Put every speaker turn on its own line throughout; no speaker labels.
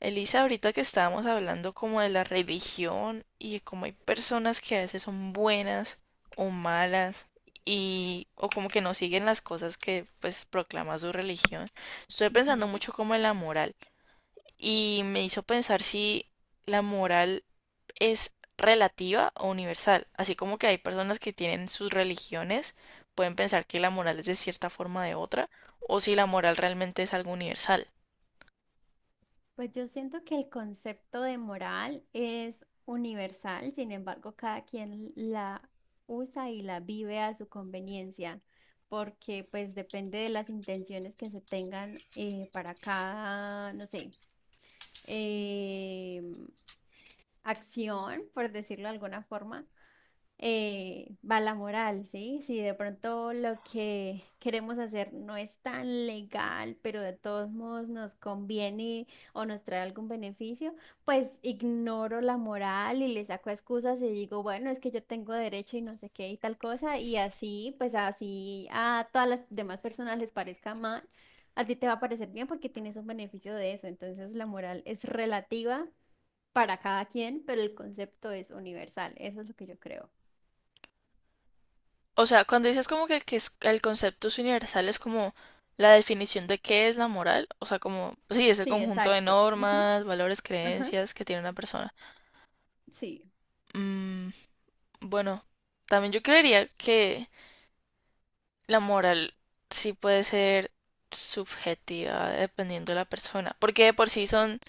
Elisa, ahorita que estábamos hablando como de la religión y como hay personas que a veces son buenas o malas y o como que no siguen las cosas que pues proclama su religión. Estoy
Ujú.
pensando mucho como en la moral y me hizo pensar si la moral es relativa o universal, así como que hay personas que tienen sus religiones pueden pensar que la moral es de cierta forma o de otra o si la moral realmente es algo universal.
Pues yo siento que el concepto de moral es universal, sin embargo, cada quien la usa y la vive a su conveniencia, porque pues depende de las intenciones que se tengan para cada, no sé, em, acción, por decirlo de alguna forma. Va la moral, ¿sí? Si de pronto lo que queremos hacer no es tan legal, pero de todos modos nos conviene o nos trae algún beneficio, pues ignoro la moral y le saco excusas y digo, bueno, es que yo tengo derecho y no sé qué y tal cosa, y así, pues así a todas las demás personas les parezca mal. A ti te va a parecer bien porque tienes un beneficio de eso. Entonces la moral es relativa para cada quien, pero el concepto es universal. Eso es lo que yo creo.
O sea, cuando dices como que, es- el concepto es universal, es como la definición de qué es la moral. O sea, como, sí, es el
Sí,
conjunto de
exacto. Ujú.
normas, valores,
Ajá,
creencias que tiene una persona.
sí.
Mm, bueno, también yo creería que la moral sí puede ser subjetiva dependiendo de la persona. Porque de por sí son,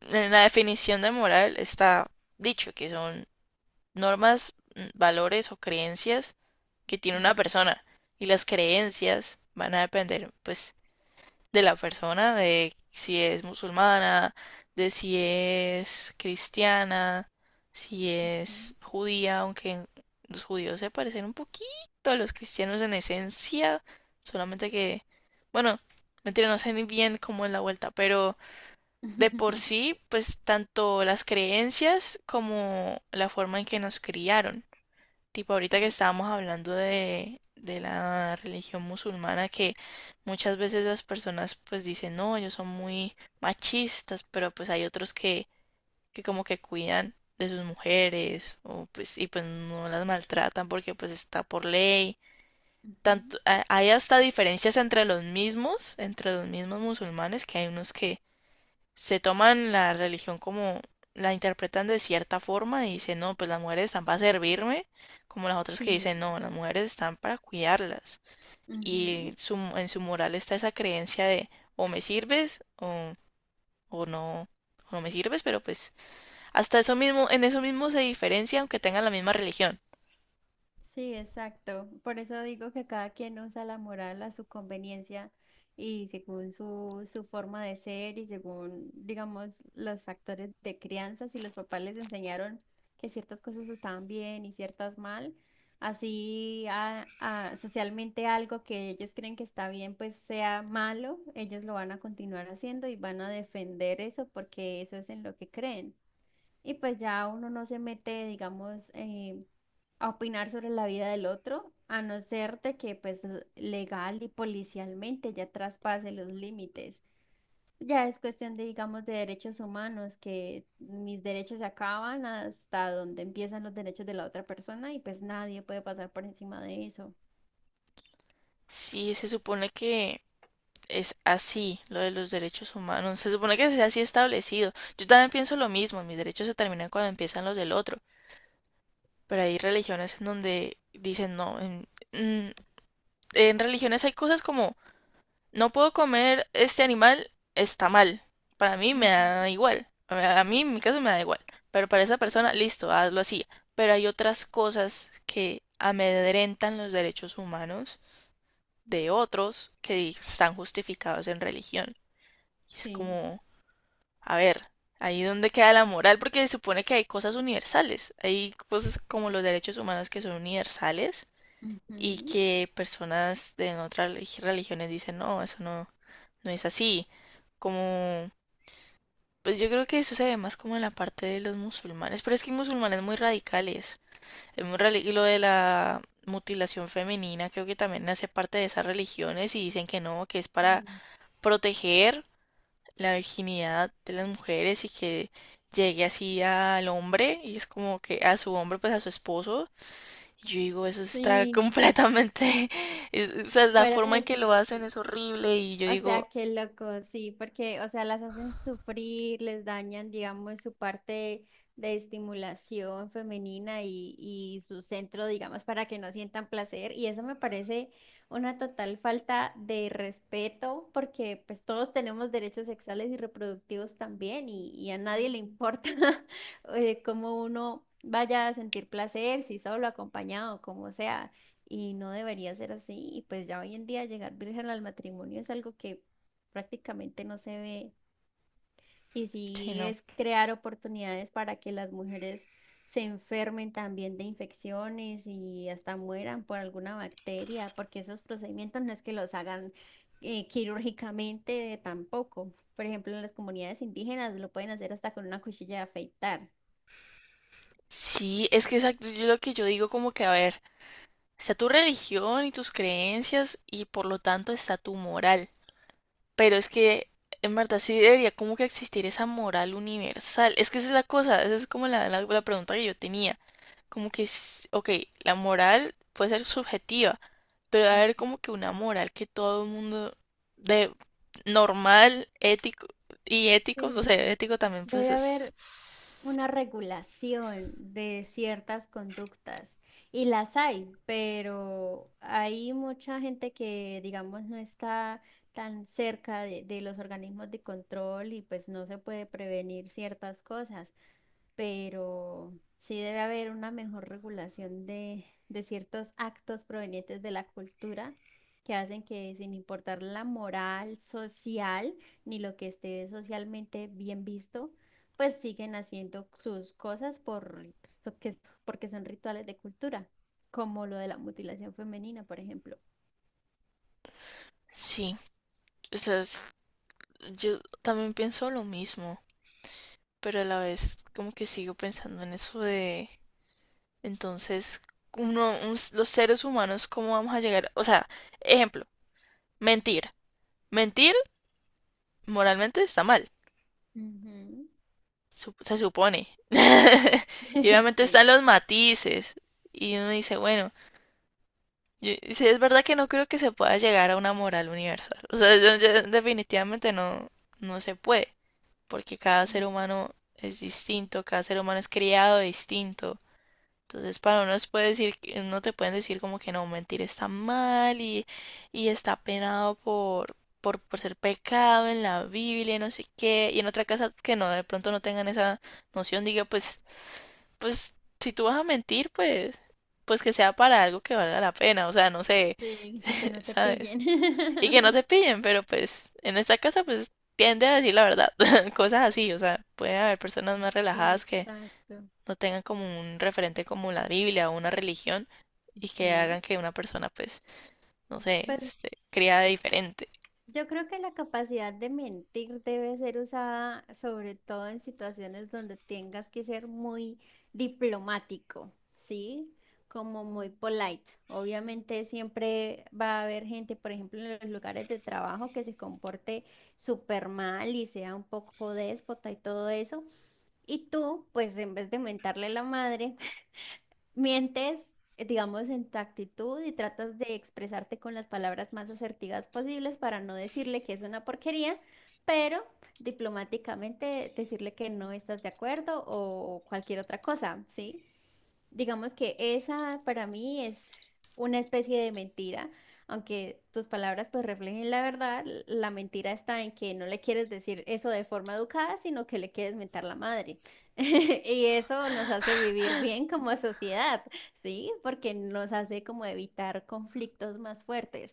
en la definición de moral está dicho que son normas, valores o creencias que tiene
Ujú,
una persona. Y las creencias van a depender, pues de la persona, de si es musulmana, de si es cristiana, si
ujú.
es judía, aunque los judíos se parecen un poquito a los cristianos en esencia, solamente que, bueno, mentira, no sé ni bien cómo es la vuelta, pero de por sí, pues tanto las creencias como la forma en que nos criaron. Tipo, ahorita que
Sí.
estábamos hablando de la religión musulmana, que muchas veces las personas pues dicen, no, ellos son muy machistas, pero pues hay otros que como que cuidan de sus mujeres o pues y pues no las maltratan porque pues está por ley. Tanto,
Ujú.
hay hasta diferencias entre los mismos musulmanes, que hay unos que se toman la religión como la interpretan de cierta forma y dicen, no, pues las mujeres están para servirme, como las otras que
Sí.
dicen, no, las mujeres están para cuidarlas.
Ujú.
Y su, en su moral está esa creencia de o me sirves o no me sirves, pero pues hasta eso mismo, en eso mismo se diferencia aunque tengan la misma religión.
Sí, exacto. Por eso digo que cada quien usa la moral a su conveniencia y según su forma de ser y según, digamos, los factores de crianza, si los papás les enseñaron que ciertas cosas estaban bien y ciertas mal, así socialmente algo que ellos creen que está bien, pues sea malo, ellos lo van a continuar haciendo y van a defender eso porque eso es en lo que creen. Y pues ya uno no se mete, digamos, a opinar sobre la vida del otro, a no ser de que pues legal y policialmente ya traspase los límites. Ya es cuestión de, digamos, de derechos humanos, que mis derechos se acaban hasta donde empiezan los derechos de la otra persona y pues nadie puede pasar por encima de eso.
Sí, se supone que es así lo de los derechos humanos, se supone que sea así establecido. Yo también pienso lo mismo, mis derechos se terminan cuando empiezan los del otro. Pero hay religiones en donde dicen no. En, en religiones hay cosas como no puedo comer este animal, está mal. Para mí me
Ujú.
da igual. A mí en mi caso me da igual. Pero para esa
Sí.
persona, listo, hazlo así. Pero hay otras cosas que amedrentan los derechos humanos de otros que están justificados en religión. Y es
Sí.
como, a ver, ahí donde queda la moral, porque se supone que hay cosas universales. Hay cosas como los derechos humanos que son universales y
Ujú.
que personas de otras religiones dicen, no, eso no, no es así. Como, pues yo creo que eso se ve más como en la parte de los musulmanes, pero es que hay musulmanes muy radicales. Es muy y lo de la mutilación femenina creo que también hace parte de esas religiones y dicen que no, que es para
Mm.
proteger la virginidad de las mujeres y que llegue así al hombre y es como que a su hombre, pues a su esposo y yo digo, eso está
Sí,
completamente, es- o sea, la
fuera
forma en
de
que lo hacen
sí.
es horrible y yo
O
digo,
sea, qué loco, sí, porque, o sea, las hacen sufrir, les dañan, digamos, su parte de estimulación femenina y su centro, digamos, para que no sientan placer. Y eso me parece una total falta de respeto, porque pues todos tenemos derechos sexuales y reproductivos también, y a nadie le importa cómo uno vaya a sentir placer, si solo, acompañado, como sea y no debería ser así. Y pues ya hoy en día llegar virgen al matrimonio es algo que prácticamente no se ve. Y
sí,
sí
no.
es crear oportunidades para que las mujeres se enfermen también de infecciones y hasta mueran por alguna bacteria, porque esos procedimientos no es que los hagan quirúrgicamente tampoco. Por ejemplo, en las comunidades indígenas lo pueden hacer hasta con una cuchilla de afeitar.
Sí, es que exacto, yo lo que yo digo como que, a ver, está tu religión y tus creencias y por lo tanto está tu moral. Pero es que, en verdad, sí debería como que existir esa moral universal. Es que esa es la cosa, esa es como la pregunta que yo tenía. Como que, s- ok, la moral puede ser subjetiva pero debe haber
Ujú.
como que una moral que todo el mundo de normal, ético, o
Sí,
sea, ético también pues
debe
es
haber una regulación de ciertas conductas y las hay, pero hay mucha gente que, digamos, no está tan cerca de los organismos de control y pues no se puede prevenir ciertas cosas pero sí debe haber una mejor regulación de ciertos actos provenientes de la cultura que hacen que sin importar la moral social ni lo que esté socialmente bien visto, pues siguen haciendo sus cosas por, so- que- porque son rituales de cultura, como lo de la mutilación femenina, por ejemplo.
sí, o sea, es- yo también pienso lo mismo, pero a la vez como que sigo pensando en eso de entonces los seres humanos cómo vamos a llegar, o sea, ejemplo, mentir. Mentir moralmente está mal,
Ujú.
se supone. Y obviamente
Sí,
están los matices y uno dice, bueno, sí, es verdad que no creo que se pueda llegar a una moral universal. O sea, yo definitivamente no, no se puede, porque cada ser
ujú.
humano es distinto, cada ser humano es criado distinto. Entonces, para unos puede decir, no te pueden decir como que no, mentir está mal y está penado por ser pecado en la Biblia y no sé qué. Y en otra casa que no, de pronto no tengan esa noción, diga, pues, si tú vas a mentir, pues que sea para algo que valga la pena. O sea, no sé.
Sí, que no te
¿Sabes?
pillen.
Y que no te pillen, pero pues en esta casa pues tiende a decir la verdad, cosas así, o sea, puede haber personas más relajadas
Sí,
que
exacto.
no tengan como un referente como la Biblia o una religión y que
Ujú.
hagan que una persona pues, no sé,
Pues
se cría de diferente.
yo creo que la capacidad de mentir debe ser usada sobre todo en situaciones donde tengas que ser muy diplomático, ¿sí? Como muy polite. Obviamente siempre va a haber gente, por ejemplo, en los lugares de trabajo que se comporte súper mal y sea un poco déspota y todo eso. Y tú, pues en vez de mentarle la madre, mientes, digamos, en tu actitud y tratas de expresarte con las palabras más asertivas posibles para no decirle que es una porquería, pero diplomáticamente decirle que no estás de acuerdo o cualquier otra cosa, ¿sí? Digamos que esa para mí es una especie de mentira, aunque tus palabras pues reflejen la verdad, la mentira está en que no le quieres decir eso de forma educada, sino que le quieres mentar la madre. Y eso nos hace vivir bien como sociedad, ¿sí? Porque nos hace como evitar conflictos más fuertes.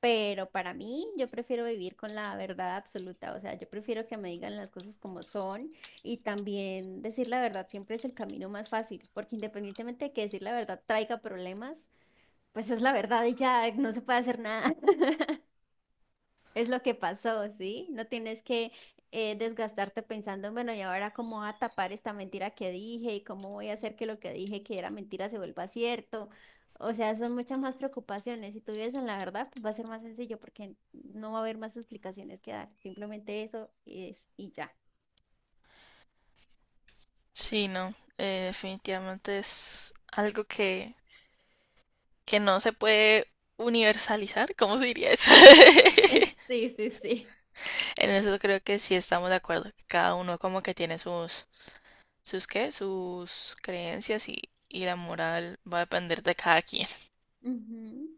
Pero para mí, yo prefiero vivir con la verdad absoluta, o sea, yo prefiero que me digan las cosas como son y también decir la verdad siempre es el camino más fácil, porque independientemente de que decir la verdad traiga problemas, pues es la verdad y ya no se puede hacer nada. Es lo que pasó, ¿sí? No tienes que desgastarte pensando, bueno, ¿y ahora cómo voy a tapar esta mentira que dije? ¿Y cómo voy a hacer que lo que dije que era mentira se vuelva cierto? O sea, son muchas más preocupaciones. Si tú vives en la verdad, pues va a ser más sencillo porque no va a haber más explicaciones que dar. Simplemente eso es y ya.
Sí, no, definitivamente es algo que no se puede universalizar, ¿cómo se diría eso?
Sí, sí, sí.
En eso creo que sí estamos de acuerdo, que cada uno como que tiene sus sus creencias y la moral va a depender de cada quien.
Ujú.